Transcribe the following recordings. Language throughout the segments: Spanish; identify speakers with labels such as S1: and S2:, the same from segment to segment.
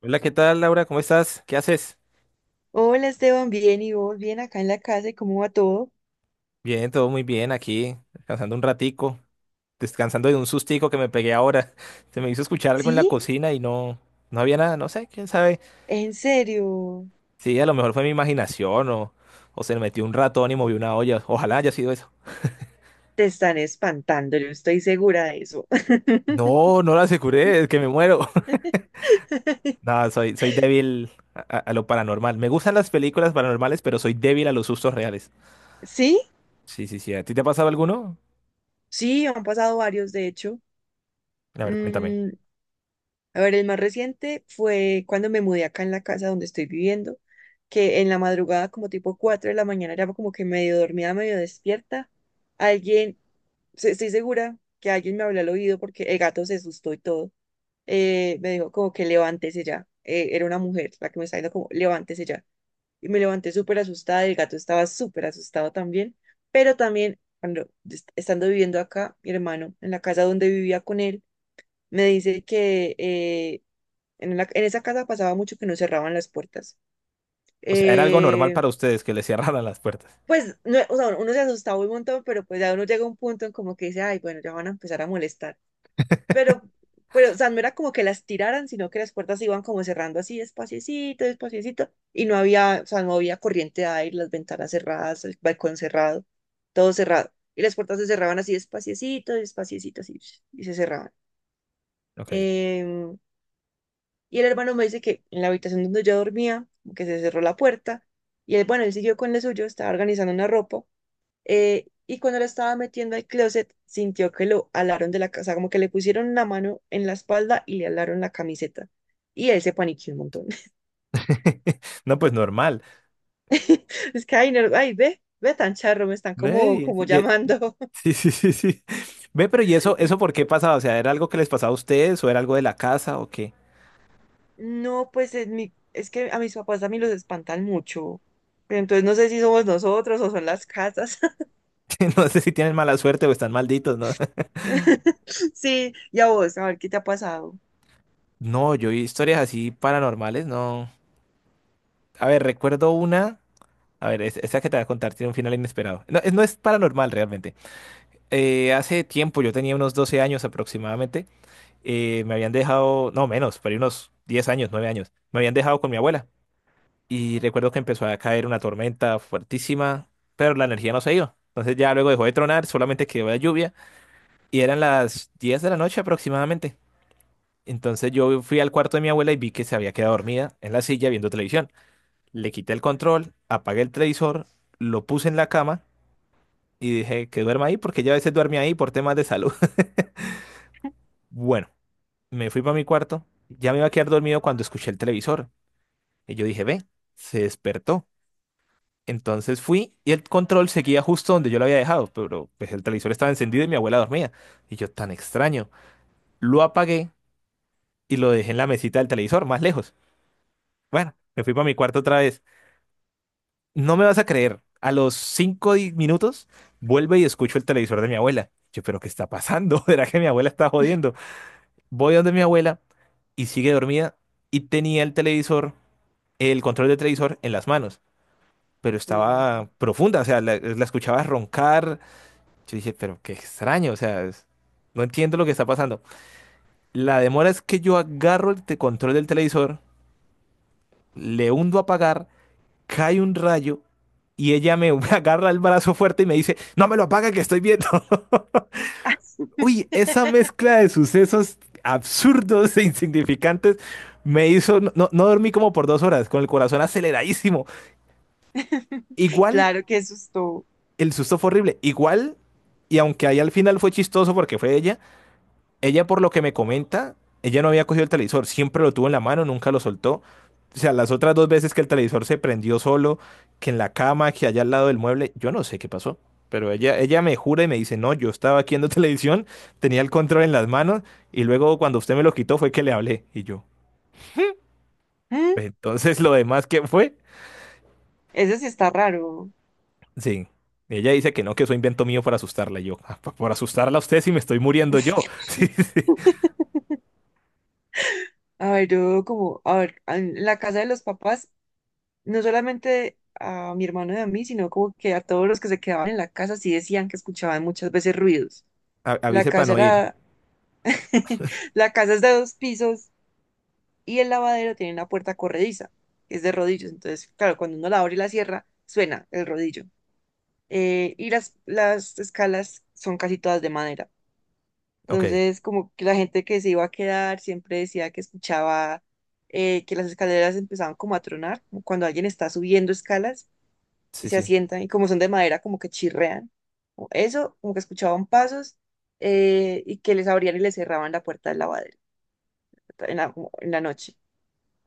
S1: Hola, ¿qué tal, Laura? ¿Cómo estás? ¿Qué haces?
S2: Hola Esteban, bien y vos, bien acá en la casa y cómo va todo.
S1: Bien, todo muy bien aquí, descansando un ratico, descansando de un sustico que me pegué ahora. Se me hizo escuchar algo en la
S2: ¿Sí?
S1: cocina y no, no había nada, no sé, quién sabe.
S2: ¿En serio?
S1: Sí, a lo mejor fue mi imaginación o se me metió un ratón y movió una olla. Ojalá haya sido eso.
S2: Te están espantando, yo estoy segura de eso.
S1: No, no la aseguré, es que me muero. No, soy débil a lo paranormal. Me gustan las películas paranormales, pero soy débil a los sustos reales.
S2: ¿Sí?
S1: Sí, sí, sí. ¿A ti te ha pasado alguno?
S2: Sí, han pasado varios, de hecho.
S1: A ver, cuéntame.
S2: Mm, a ver, el más reciente fue cuando me mudé acá en la casa donde estoy viviendo, que en la madrugada, como tipo 4 de la mañana, era como que medio dormida, medio despierta. Alguien, Estoy segura que alguien me habló al oído porque el gato se asustó y todo. Me dijo como que levántese ya. Era una mujer la que me estaba diciendo como levántese ya. Y me levanté súper asustada, y el gato estaba súper asustado también, pero también cuando estando viviendo acá, mi hermano, en la casa donde vivía con él, me dice que en, en esa casa pasaba mucho que no cerraban las puertas.
S1: O sea, era algo normal
S2: Eh,
S1: para ustedes que les cerraran las puertas.
S2: pues no, o sea, uno se asustaba un montón, pero pues ya uno llega a un punto en como que dice, ay, bueno, ya van a empezar a molestar. pero, pero, o sea, no era como que las tiraran, sino que las puertas se iban como cerrando así, despaciecito, despaciecito, y no había, o sea, no había corriente de aire, las ventanas cerradas, el balcón cerrado, todo cerrado. Y las puertas se cerraban así, despaciecito, despaciecito, así, y se cerraban.
S1: Ok.
S2: Em, y el hermano me dice que en la habitación donde yo dormía, como que se cerró la puerta, y él, bueno, él siguió con lo suyo, estaba organizando una ropa, y cuando la estaba metiendo al closet, sintió que lo alaron de la casa, como que le pusieron una mano en la espalda y le alaron la camiseta. Y él se paniqueó un montón.
S1: No, pues normal.
S2: Es que, ay, no, ay, ve, ve tan charro, me están como,
S1: Ve,
S2: como llamando.
S1: sí, sí, sí, sí. Ve, pero ¿y eso
S2: Y
S1: por qué pasaba? O sea, ¿era algo que les pasaba a ustedes o era algo de la casa o qué?
S2: no, es que a mis papás a mí los espantan mucho. Pero entonces no sé si somos nosotros o son las casas.
S1: No sé si tienen mala suerte o están malditos, ¿no?
S2: Sí, y a vos, a ver qué te ha pasado.
S1: No, yo vi historias así paranormales, no. A ver, recuerdo una. A ver, esta que te voy a contar tiene un final inesperado. No, no es paranormal realmente. Hace tiempo, yo tenía unos 12 años aproximadamente. Me habían dejado, no menos, pero unos 10 años, 9 años. Me habían dejado con mi abuela. Y recuerdo que empezó a caer una tormenta fuertísima, pero la energía no se iba. Entonces ya luego dejó de tronar, solamente quedó la lluvia. Y eran las 10 de la noche aproximadamente. Entonces yo fui al cuarto de mi abuela y vi que se había quedado dormida en la silla viendo televisión. Le quité el control, apagué el televisor, lo puse en la cama y dije que duerma ahí porque ella a veces duerme ahí por temas de salud. Bueno, me fui para mi cuarto. Ya me iba a quedar dormido cuando escuché el televisor. Y yo dije, ve, se despertó. Entonces fui y el control seguía justo donde yo lo había dejado, pero pues el televisor estaba encendido y mi abuela dormía. Y yo, tan extraño. Lo apagué y lo dejé en la mesita del televisor, más lejos. Bueno, me fui para mi cuarto otra vez. No me vas a creer, a los 5 minutos vuelvo y escucho el televisor de mi abuela. Yo, pero ¿qué está pasando? ¿Será que mi abuela está jodiendo? Voy donde mi abuela y sigue dormida y tenía el televisor, el control del televisor en las manos, pero
S2: Mm.
S1: estaba profunda, o sea, la escuchaba roncar. Yo dije, pero qué extraño, o sea, no entiendo lo que está pasando. La demora es que yo agarro el control del televisor, le hundo a apagar, cae un rayo y ella me agarra el brazo fuerte y me dice, no me lo apaga que estoy viendo. Uy, esa mezcla de sucesos absurdos e insignificantes me hizo, no, no dormí como por 2 horas, con el corazón aceleradísimo. Igual,
S2: Claro, qué susto.
S1: el susto fue horrible, igual, y aunque ahí al final fue chistoso porque fue ella. Ella, por lo que me comenta, ella no había cogido el televisor, siempre lo tuvo en la mano, nunca lo soltó. O sea, las otras dos veces que el televisor se prendió solo, que en la cama, que allá al lado del mueble, yo no sé qué pasó. Pero ella me jura y me dice, no, yo estaba aquí viendo televisión, tenía el control en las manos y luego cuando usted me lo quitó fue que le hablé. Y yo,
S2: ¿Mm?
S1: "Pues, entonces lo demás, ¿qué fue?"
S2: Eso sí está raro.
S1: Sí. Ella dice que no, que eso invento mío para asustarla. Y yo, "Ah, por asustarla a usted si me estoy muriendo yo." Sí, sí.
S2: A ver, a ver, en la casa de los papás, no solamente a mi hermano y a mí, sino como que a todos los que se quedaban en la casa sí decían que escuchaban muchas veces ruidos.
S1: A-
S2: La
S1: Avise para
S2: casa
S1: no ir.
S2: era, la casa es de dos pisos y el lavadero tiene una puerta corrediza, que es de rodillos. Entonces, claro, cuando uno la abre y la cierra, suena el rodillo. Y las escalas son casi todas de madera.
S1: Ok,
S2: Entonces, como que la gente que se iba a quedar siempre decía que escuchaba que las escaleras empezaban como a tronar, como cuando alguien está subiendo escalas y
S1: sí,
S2: se
S1: sí.
S2: asientan y como son de madera, como que chirrean. O eso, como que escuchaban pasos y que les abrían y les cerraban la puerta del lavadero en la, como en la noche.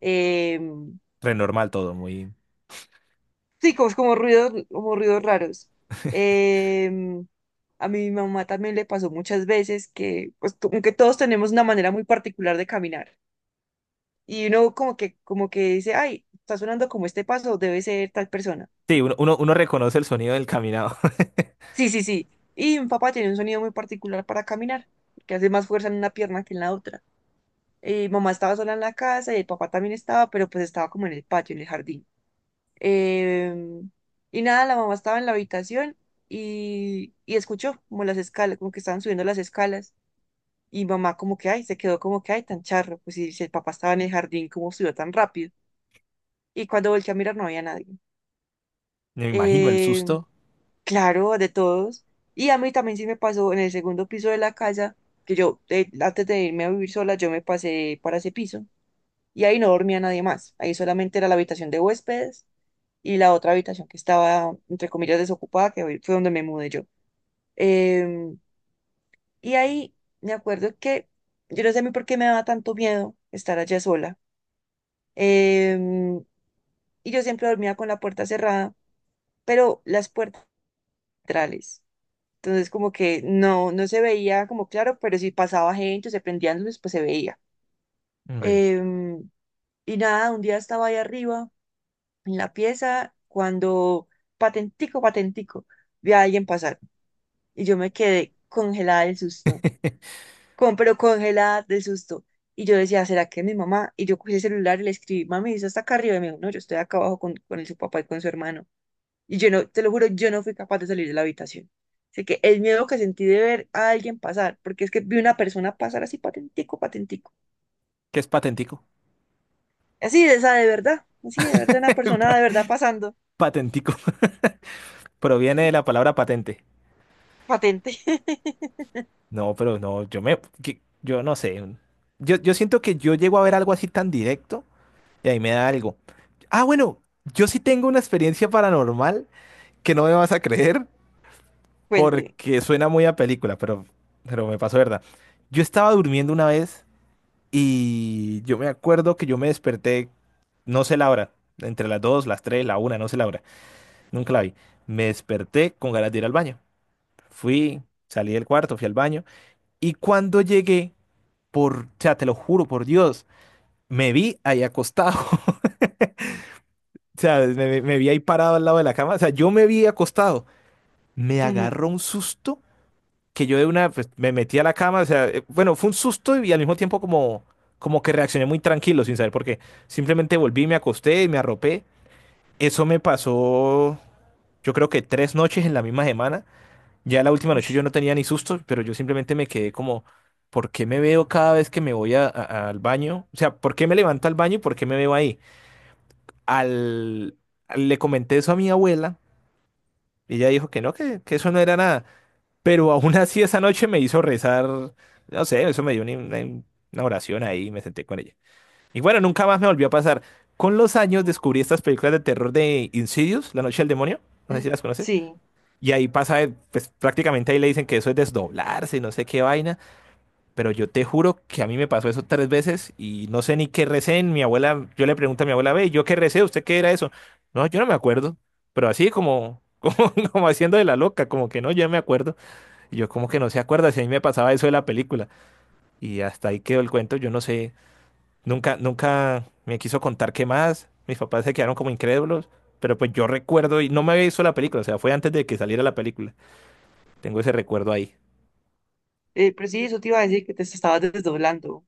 S2: Em,
S1: Renormal todo, muy.
S2: sí, como, como ruidos raros. Em, a mi mamá también le pasó muchas veces que, pues, como que todos tenemos una manera muy particular de caminar. Y uno como que dice, ay, está sonando como este paso, debe ser tal persona.
S1: Sí, uno reconoce el sonido del caminado.
S2: Sí, sí, sí. Y mi papá tiene un sonido muy particular para caminar, que hace más fuerza en una pierna que en la otra. Mamá estaba sola en la casa y el papá también estaba, pero pues estaba como en el patio, en el jardín. Em, y nada, la mamá estaba en la habitación y escuchó como las escalas, como que estaban subiendo las escalas. Y mamá como que, ay, se quedó como que, ay, tan charro. Pues si el papá estaba en el jardín, ¿cómo subió tan rápido? Y cuando volteé a mirar no había nadie.
S1: Me imagino el
S2: Em,
S1: susto.
S2: Claro, de todos. Y a mí también sí me pasó en el segundo piso de la casa, que yo antes de irme a vivir sola, yo me pasé para ese piso y ahí no dormía nadie más. Ahí solamente era la habitación de huéspedes y la otra habitación que estaba, entre comillas, desocupada, que hoy fue donde me mudé yo. Em, y ahí me acuerdo que yo no sé a mí por qué me daba tanto miedo estar allá sola. Em, y yo siempre dormía con la puerta cerrada, pero las puertas laterales. Entonces, como que no, no se veía como claro, pero si pasaba gente, o se prendían luces, pues se veía.
S1: Ok.
S2: Em, y nada, un día estaba ahí arriba en la pieza cuando patentico, patentico, vi a alguien pasar y yo me quedé congelada del susto, con, pero congelada del susto. Y yo decía, ¿será que es mi mamá? Y yo cogí el celular y le escribí, mami, ¿eso está acá arriba? Y me dijo, no, yo estoy acá abajo con su papá y con su hermano. Y yo no, te lo juro, yo no fui capaz de salir de la habitación. Así que el miedo que sentí de ver a alguien pasar, porque es que vi una persona pasar así patentico, patentico.
S1: Que es patentico.
S2: Así de esa de verdad, así de verdad, una persona de
S1: Pa-
S2: verdad pasando,
S1: Patentico. Proviene de la palabra patente.
S2: patente.
S1: No, pero no, yo no sé. Yo siento que yo llego a ver algo así tan directo y ahí me da algo. Ah, bueno, yo sí tengo una experiencia paranormal que no me vas a creer
S2: Puente.
S1: porque suena muy a película, pero me pasó, ¿verdad? Yo estaba durmiendo una vez. Y yo me acuerdo que yo me desperté, no sé la hora, entre las 2 las 3 la una no sé la hora, nunca la vi. Me desperté con ganas de ir al baño. Fui, salí del cuarto, fui al baño. Y cuando llegué, por, o sea, te lo juro, por Dios, me vi ahí acostado. O sea, me vi ahí parado al lado de la cama. O sea, yo me vi acostado. Me
S2: Ujú,
S1: agarró un susto que yo de una pues, me metí a la cama, o sea, bueno, fue un susto y al mismo tiempo como, como que reaccioné muy tranquilo sin saber por qué. Simplemente volví, me acosté y me arropé. Eso me pasó, yo creo que tres noches en la misma semana. Ya la última noche
S2: ush,
S1: yo no tenía ni susto, pero yo simplemente me quedé como, ¿por qué me veo cada vez que me voy al baño? O sea, ¿por qué me levanto al baño y por qué me veo ahí? Al, le comenté eso a mi abuela. Y ella dijo que no, que eso no era nada. Pero aún así esa noche me hizo rezar, no sé, eso me dio una oración ahí y me senté con ella. Y bueno, nunca más me volvió a pasar. Con los años descubrí estas películas de terror de Insidious, La Noche del Demonio, no sé
S2: mm,
S1: si las conoces,
S2: sí,
S1: y ahí pasa, pues prácticamente ahí le dicen que eso es desdoblarse, no sé qué vaina, pero yo te juro que a mí me pasó eso tres veces y no sé ni qué recé. Mi abuela, yo le pregunto a mi abuela, ve, ¿yo qué recé? ¿Usted qué era eso? No, yo no me acuerdo, pero así como, como, como haciendo de la loca, como que no, yo no me acuerdo. Y yo como que no se acuerda si a mí me pasaba eso de la película. Y hasta ahí quedó el cuento, yo no sé. Nunca, nunca me quiso contar qué más. Mis papás se quedaron como incrédulos. Pero pues yo recuerdo y no me había visto la película, o sea, fue antes de que saliera la película. Tengo ese recuerdo ahí.
S2: pero sí, eso te iba a decir que te estabas desdoblando.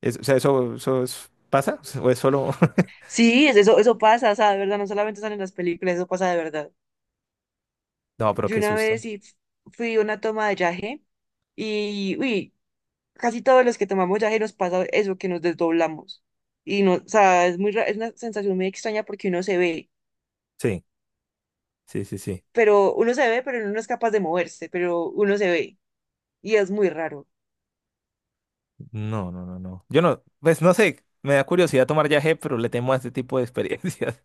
S1: O sea, ¿eso, eso pasa? ¿O es solo...?
S2: Sí, eso, eso pasa, o sea, de verdad, no solamente sale en las películas, eso pasa de verdad.
S1: No, pero
S2: Yo
S1: qué
S2: una
S1: susto.
S2: vez sí fui a una toma de yaje y, uy, casi todos los que tomamos yaje nos pasa eso, que nos desdoblamos. Y no, o sea, es muy, es una sensación muy extraña porque uno se ve,
S1: Sí, sí, sí, sí.
S2: pero uno se ve, pero uno no es capaz de moverse, pero uno se ve. Y es muy raro.
S1: No, no, no, no. Yo no, pues no sé, me da curiosidad tomar viaje, pero le temo a este tipo de experiencias.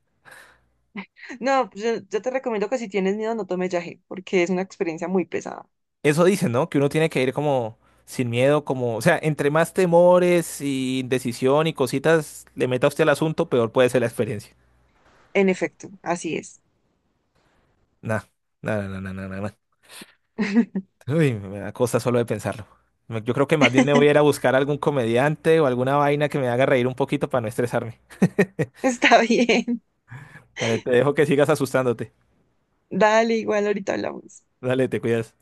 S2: No, pues, yo te recomiendo que si tienes miedo no tomes yaje, porque es una experiencia muy pesada.
S1: Eso dicen, ¿no? Que uno tiene que ir como sin miedo, como, o sea, entre más temores y indecisión y cositas le meta usted al asunto, peor puede ser la experiencia.
S2: En efecto, así es.
S1: Nah, nada. Uy, me da cosa solo de pensarlo. Yo creo que más bien me voy a ir a buscar algún comediante o alguna vaina que me haga reír un poquito para no estresarme.
S2: Está bien.
S1: Dale, te dejo que sigas asustándote.
S2: Dale, igual ahorita hablamos.
S1: Dale, te cuidas.